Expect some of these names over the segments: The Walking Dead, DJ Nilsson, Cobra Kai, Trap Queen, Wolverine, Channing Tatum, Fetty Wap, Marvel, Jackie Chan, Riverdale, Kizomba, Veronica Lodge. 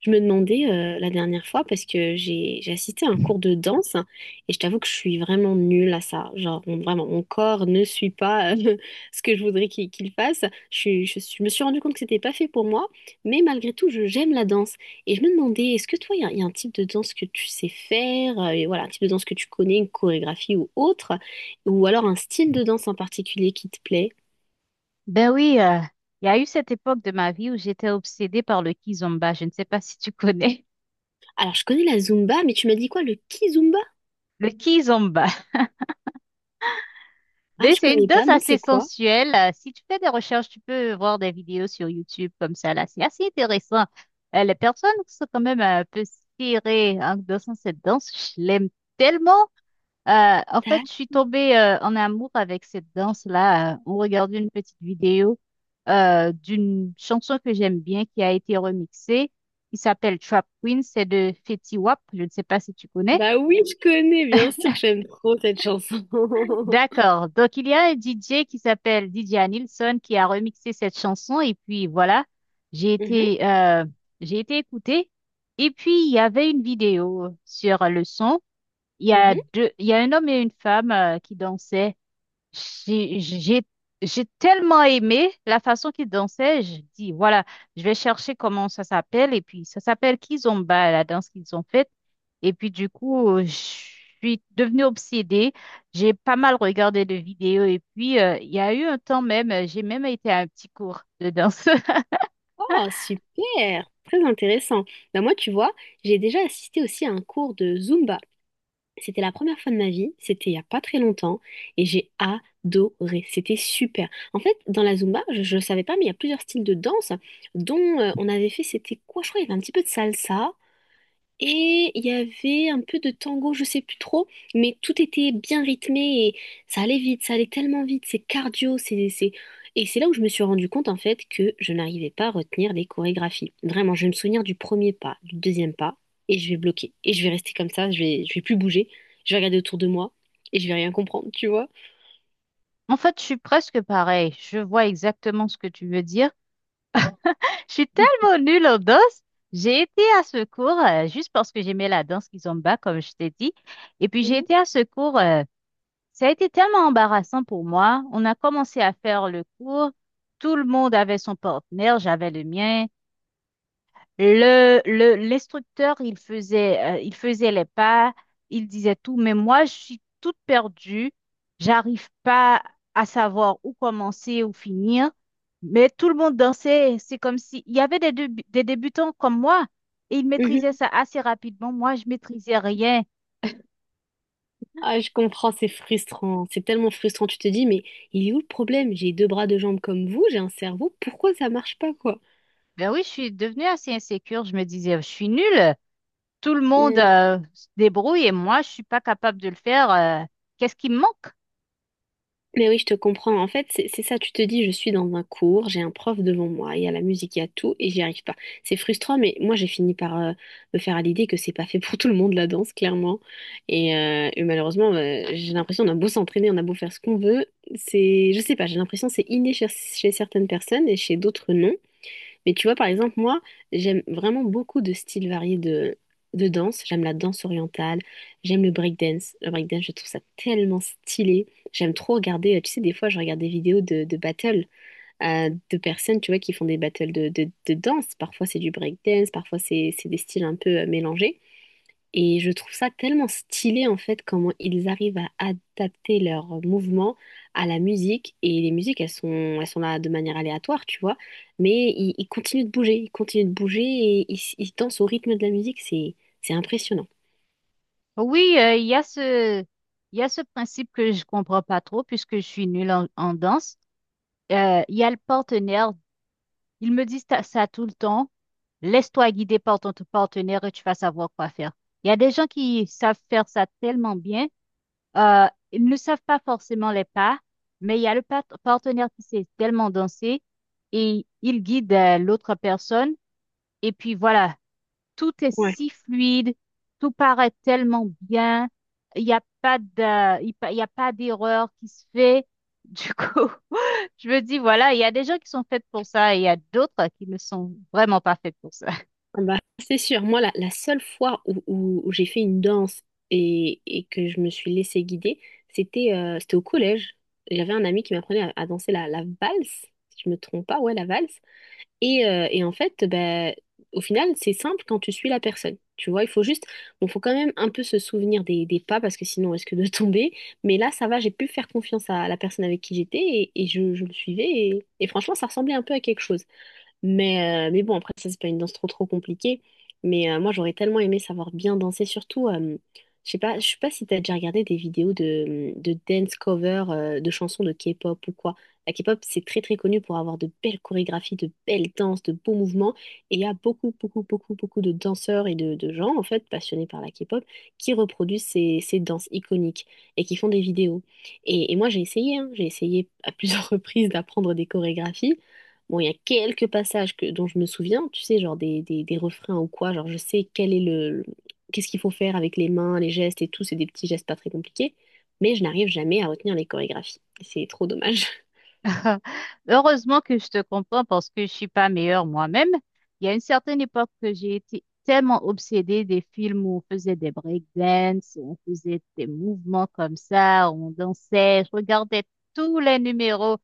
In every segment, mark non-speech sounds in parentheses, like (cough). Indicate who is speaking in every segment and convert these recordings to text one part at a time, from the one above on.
Speaker 1: Je me demandais la dernière fois parce que j'ai assisté à un cours de danse et je t'avoue que je suis vraiment nulle à ça. Vraiment mon corps ne suit pas (laughs) ce que je voudrais qu'il fasse. Je me suis rendu compte que c'était pas fait pour moi, mais malgré tout je j'aime la danse et je me demandais est-ce que toi il y a un type de danse que tu sais faire et voilà un type de danse que tu connais, une chorégraphie ou autre ou alors un style de danse en particulier qui te plaît?
Speaker 2: Ben oui, il y a eu cette époque de ma vie où j'étais obsédée par le kizomba. Je ne sais pas si tu connais
Speaker 1: Alors je connais la Zumba, mais tu m'as dit quoi le Kizumba?
Speaker 2: (laughs) le kizomba.
Speaker 1: Ah
Speaker 2: Mais
Speaker 1: je
Speaker 2: c'est une
Speaker 1: connais pas,
Speaker 2: danse
Speaker 1: non c'est
Speaker 2: assez
Speaker 1: quoi?
Speaker 2: sensuelle. Si tu fais des recherches, tu peux voir des vidéos sur YouTube comme ça, là. C'est assez intéressant. Les personnes sont quand même un peu serrées en dansant cette danse. Je l'aime tellement. En fait, je suis tombée en amour avec cette danse-là. On regardait une petite vidéo d'une chanson que j'aime bien qui a été remixée, qui s'appelle Trap Queen. C'est de Fetty Wap. Je ne sais pas si tu connais.
Speaker 1: Bah oui, je connais, bien sûr que j'aime trop cette chanson. (laughs)
Speaker 2: D'accord. Donc, il y a un DJ qui s'appelle DJ Nilsson qui a remixé cette chanson. Et puis, voilà, j'ai
Speaker 1: Mhm,
Speaker 2: été, euh, j'ai été écoutée. Et puis, il y avait une vidéo sur le son. Il y a
Speaker 1: mhm.
Speaker 2: deux, il y a un homme et une femme qui dansaient. J'ai, j'ai, j'ai tellement aimé la façon qu'il dansait. Je dis, voilà, je vais chercher comment ça s'appelle. Et puis, ça s'appelle Kizomba, la danse qu'ils ont faite. Et puis, du coup, je suis devenue obsédée. J'ai pas mal regardé de vidéos. Et puis, il y a eu un temps même, j'ai même été à un petit cours de danse. (laughs)
Speaker 1: Oh, super, très intéressant. Bah moi, tu vois, j'ai déjà assisté aussi à un cours de Zumba. C'était la première fois de ma vie, c'était il y a pas très longtemps, et j'ai adoré, c'était super. En fait, dans la Zumba, je ne savais pas, mais il y a plusieurs styles de danse, dont on avait fait, c'était quoi, je crois, il y avait un petit peu de salsa, et il y avait un peu de tango, je sais plus trop, mais tout était bien rythmé et ça allait vite, ça allait tellement vite, c'est cardio, c'est... Et c'est là où je me suis rendu compte en fait que je n'arrivais pas à retenir les chorégraphies. Vraiment, je vais me souvenir du premier pas, du deuxième pas, et je vais bloquer. Et je vais rester comme ça, je vais plus bouger, je vais regarder autour de moi et je vais rien comprendre, tu vois.
Speaker 2: En fait, je suis presque pareil. Je vois exactement ce que tu veux dire. Je suis tellement nulle en danse. J'ai été à ce cours juste parce que j'aimais la danse Kizomba, comme je t'ai dit. Et puis j'ai
Speaker 1: Mhm.
Speaker 2: été à ce cours. Ça a été tellement embarrassant pour moi. On a commencé à faire le cours. Tout le monde avait son partenaire. J'avais le mien. L'instructeur, il faisait les pas, il disait tout, mais moi, je suis toute perdue, j'arrive pas à savoir où commencer, où finir, mais tout le monde dansait, c'est comme si, il y avait des débutants comme moi, et ils maîtrisaient
Speaker 1: Mhm.
Speaker 2: ça assez rapidement, moi, je maîtrisais rien.
Speaker 1: Ah, je comprends, c'est frustrant, c'est tellement frustrant, tu te dis, mais il est où le problème? J'ai deux bras, deux jambes comme vous, j'ai un cerveau, pourquoi ça marche pas, quoi?
Speaker 2: Ben oui, je suis devenue assez insécure, je me disais, je suis nulle, tout le monde,
Speaker 1: Mmh.
Speaker 2: se débrouille, et moi, je suis pas capable de le faire, qu'est-ce qui me manque?
Speaker 1: Mais oui, je te comprends. En fait, c'est ça, tu te dis, je suis dans un cours, j'ai un prof devant moi, il y a la musique, il y a tout, et j'y arrive pas. C'est frustrant, mais moi, j'ai fini par me faire à l'idée que c'est pas fait pour tout le monde, la danse, clairement. Et malheureusement, j'ai l'impression, on a beau s'entraîner, on a beau faire ce qu'on veut, c'est, je sais pas, j'ai l'impression que c'est inné chez, chez certaines personnes et chez d'autres, non. Mais tu vois, par exemple, moi, j'aime vraiment beaucoup de styles variés de danse. J'aime la danse orientale, j'aime le breakdance. Le breakdance, je trouve ça tellement stylé. J'aime trop regarder, tu sais, des fois, je regarde des vidéos de battles de personnes, tu vois, qui font des battles de danse. Parfois, c'est du breakdance, parfois, c'est des styles un peu mélangés. Et je trouve ça tellement stylé en fait comment ils arrivent à adapter leurs mouvements à la musique. Et les musiques, elles sont là de manière aléatoire, tu vois. Mais ils continuent de bouger, ils continuent de bouger et ils dansent au rythme de la musique. C'est impressionnant.
Speaker 2: Oui, il y a ce principe que je comprends pas trop puisque je suis nulle en, en danse. Il y a le partenaire. Ils me disent ça tout le temps. Laisse-toi guider par ton partenaire et tu vas savoir quoi faire. Il y a des gens qui savent faire ça tellement bien. Euh, Ils ne savent pas forcément les pas, mais il y a le partenaire qui sait tellement danser et il guide l'autre personne. Et puis voilà, tout est
Speaker 1: Ouais.
Speaker 2: si fluide, tout paraît tellement bien, il n'y a pas de, il pa- il y a pas d'erreur qui se fait. Du coup, (laughs) je me dis, voilà, il y a des gens qui sont faits pour ça et il y a d'autres qui ne sont vraiment pas faits pour ça.
Speaker 1: Ah bah, c'est sûr, moi la, la seule fois où j'ai fait une danse et que je me suis laissée guider, c'était c'était au collège. J'avais un ami qui m'apprenait à danser la, la valse, si je me trompe pas, ouais la valse. Et en fait, bah, au final, c'est simple quand tu suis la personne. Tu vois, il faut juste, bon, faut quand même un peu se souvenir des pas parce que sinon on risque de (laughs) tomber. Mais là, ça va, j'ai pu faire confiance à la personne avec qui j'étais et je le suivais. Et franchement, ça ressemblait un peu à quelque chose. Mais bon, après, ça, c'est pas une danse trop trop compliquée. Mais moi, j'aurais tellement aimé savoir bien danser, surtout, je sais pas si t'as déjà regardé des vidéos de dance cover, de chansons de K-pop ou quoi. La K-pop, c'est très très connu pour avoir de belles chorégraphies, de belles danses, de beaux mouvements. Et il y a beaucoup, beaucoup, beaucoup, beaucoup de danseurs et de gens, en fait, passionnés par la K-pop, qui reproduisent ces, ces danses iconiques et qui font des vidéos. Et moi, j'ai essayé, hein, j'ai essayé à plusieurs (laughs) reprises d'apprendre des chorégraphies. Bon, il y a quelques passages que, dont je me souviens, tu sais, genre des refrains ou quoi, genre je sais quel est le, qu'est-ce qu'il faut faire avec les mains, les gestes et tout, c'est des petits gestes pas très compliqués, mais je n'arrive jamais à retenir les chorégraphies. C'est trop dommage.
Speaker 2: (laughs) Heureusement que je te comprends parce que je suis pas meilleure moi-même. Il y a une certaine époque que j'ai été tellement obsédée des films où on faisait des breakdance, où on faisait des mouvements comme ça, où on dansait. Je regardais tous les numéros.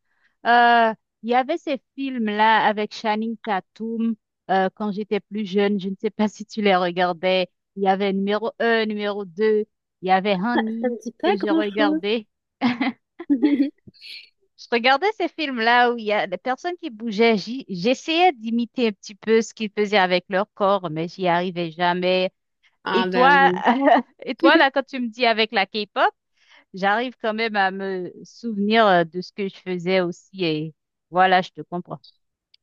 Speaker 2: Euh, il y avait ces films-là avec Channing Tatum quand j'étais plus jeune. Je ne sais pas (laughs) si tu les regardais. Il y avait numéro un, numéro 2. Il y avait
Speaker 1: (laughs) Ça
Speaker 2: Honey
Speaker 1: me dit pas
Speaker 2: que j'ai
Speaker 1: grand-chose.
Speaker 2: regardé.
Speaker 1: (laughs)
Speaker 2: Je regardais ces films-là où il y a des personnes qui bougeaient. J'essayais d'imiter un petit peu ce qu'ils faisaient avec leur corps, mais j'y arrivais jamais. Et
Speaker 1: Ah bah
Speaker 2: toi,
Speaker 1: oui.
Speaker 2: (laughs)
Speaker 1: (laughs)
Speaker 2: quand tu me dis avec la K-pop, j'arrive quand même à me souvenir de ce que je faisais aussi. Et voilà, je te comprends.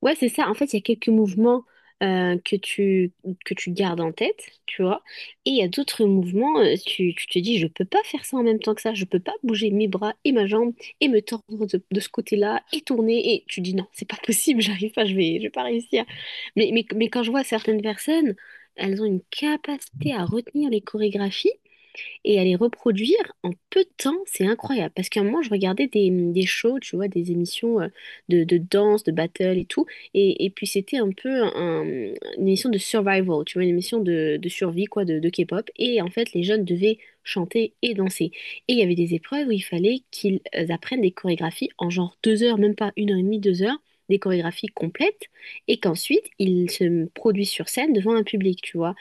Speaker 1: Ouais, c'est ça. En fait, il y a quelques mouvements euh, que tu, que tu gardes en tête, tu vois. Et il y a d'autres mouvements, tu, tu te dis, je peux pas faire ça en même temps que ça. Je peux pas bouger mes bras et ma jambe et me tordre de ce côté-là et tourner. Et tu dis, non, c'est pas possible, (laughs) j'arrive pas, je vais pas réussir. Mais quand je vois certaines personnes, elles ont une capacité à retenir les chorégraphies et à les reproduire en peu de temps, c'est incroyable. Parce qu'à un moment, je regardais des shows, tu vois, des émissions de danse, de battle et tout, et puis c'était un peu une émission de survival, tu vois, une émission de survie, quoi, de K-pop, et en fait, les jeunes devaient chanter et danser. Et il y avait des épreuves où il fallait qu'ils apprennent des chorégraphies en genre deux heures, même pas une heure et demie, deux heures, des chorégraphies complètes, et qu'ensuite, ils se produisent sur scène devant un public, tu vois.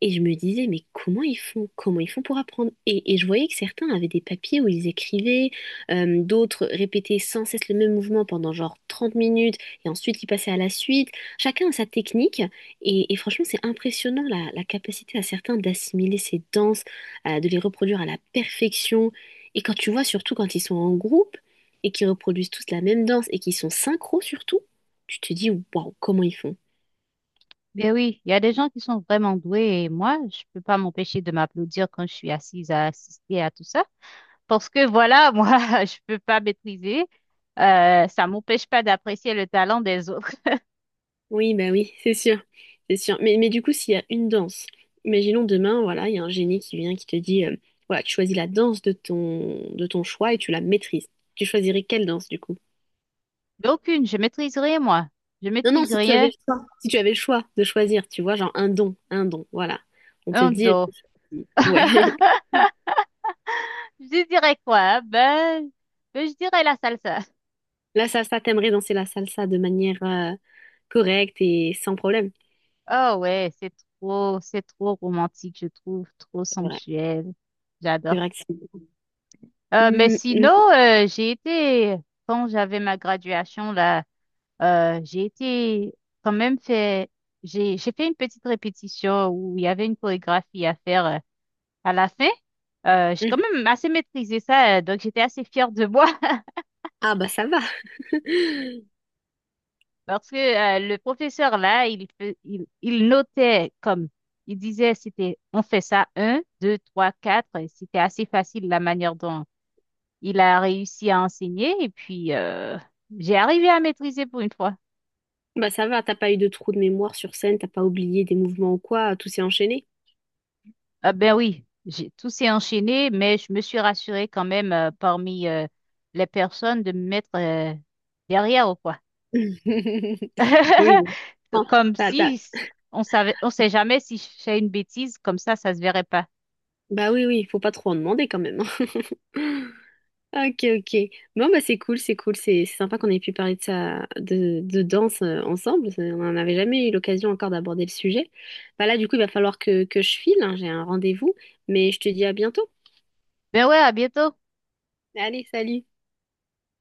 Speaker 1: Et je me disais, mais comment ils font? Comment ils font pour apprendre? Et je voyais que certains avaient des papiers où ils écrivaient, d'autres répétaient sans cesse le même mouvement pendant genre 30 minutes, et ensuite ils passaient à la suite. Chacun a sa technique, et franchement, c'est impressionnant la, la capacité à certains d'assimiler ces danses, de les reproduire à la perfection. Et quand tu vois, surtout quand ils sont en groupe, et qu'ils reproduisent tous la même danse, et qu'ils sont synchro surtout, tu te dis, waouh, comment ils font?
Speaker 2: Mais oui, il y a des gens qui sont vraiment doués et moi, je peux pas m'empêcher de m'applaudir quand je suis assise à assister à tout ça. Parce que voilà, (laughs) moi, je peux pas maîtriser. Ça m'empêche pas d'apprécier le talent des autres.
Speaker 1: Oui, bah oui, c'est sûr, c'est sûr. Mais du coup, s'il y a une danse, imaginons demain, voilà, il y a un génie qui vient qui te dit, voilà, tu choisis la danse de ton choix et tu la maîtrises. Tu choisirais quelle danse du coup?
Speaker 2: D'aucune, je maîtrise rien, moi. Je
Speaker 1: Non, non,
Speaker 2: maîtrise
Speaker 1: si tu avais
Speaker 2: rien.
Speaker 1: le choix, si tu avais le choix de choisir, tu vois, genre un don, voilà. On te
Speaker 2: Un
Speaker 1: dit,
Speaker 2: dos.
Speaker 1: ouais, (laughs)
Speaker 2: (laughs) Je dirais quoi? Hein? Ben, je dirais la salsa.
Speaker 1: la salsa, t'aimerais danser la salsa de manière correcte et sans problème.
Speaker 2: Oh ouais, c'est trop romantique, je trouve, trop
Speaker 1: C'est vrai,
Speaker 2: sensuel.
Speaker 1: c'est
Speaker 2: J'adore.
Speaker 1: vrai que c'est.
Speaker 2: Mais
Speaker 1: Hum, hum,
Speaker 2: sinon, quand j'avais ma graduation là, j'ai été quand même fait, j'ai fait une petite répétition où il y avait une chorégraphie à faire à la fin. J'ai quand
Speaker 1: hum.
Speaker 2: même assez maîtrisé ça, donc j'étais assez fière de moi.
Speaker 1: Ah bah ça va. (laughs)
Speaker 2: Parce que le professeur là, il notait comme il disait, c'était on fait ça un, deux, trois, quatre. Et c'était assez facile la manière dont il a réussi à enseigner. Et puis j'ai arrivé à maîtriser pour une fois.
Speaker 1: Bah ça va, t'as pas eu de trou de mémoire sur scène, t'as pas oublié des mouvements ou quoi, tout s'est enchaîné.
Speaker 2: Ah ben oui, tout s'est enchaîné, mais je me suis rassurée quand même parmi les personnes de me mettre derrière ou quoi.
Speaker 1: (laughs) Oui,
Speaker 2: (laughs)
Speaker 1: bon. Bon,
Speaker 2: Comme
Speaker 1: bah, t'as-
Speaker 2: si, on savait, on sait jamais si je fais une bêtise, comme ça se verrait pas.
Speaker 1: bah oui, oui, faut pas trop en demander quand même. Hein. (laughs) Ok, ok. Bon, bah c'est cool, c'est cool, c'est sympa qu'on ait pu parler de ça, de danse ensemble. On n'en avait jamais eu l'occasion encore d'aborder le sujet. Bah là, du coup, il va falloir que je file, hein, j'ai un rendez-vous, mais je te dis à bientôt.
Speaker 2: Ben ouais, à bientôt.
Speaker 1: Allez, salut!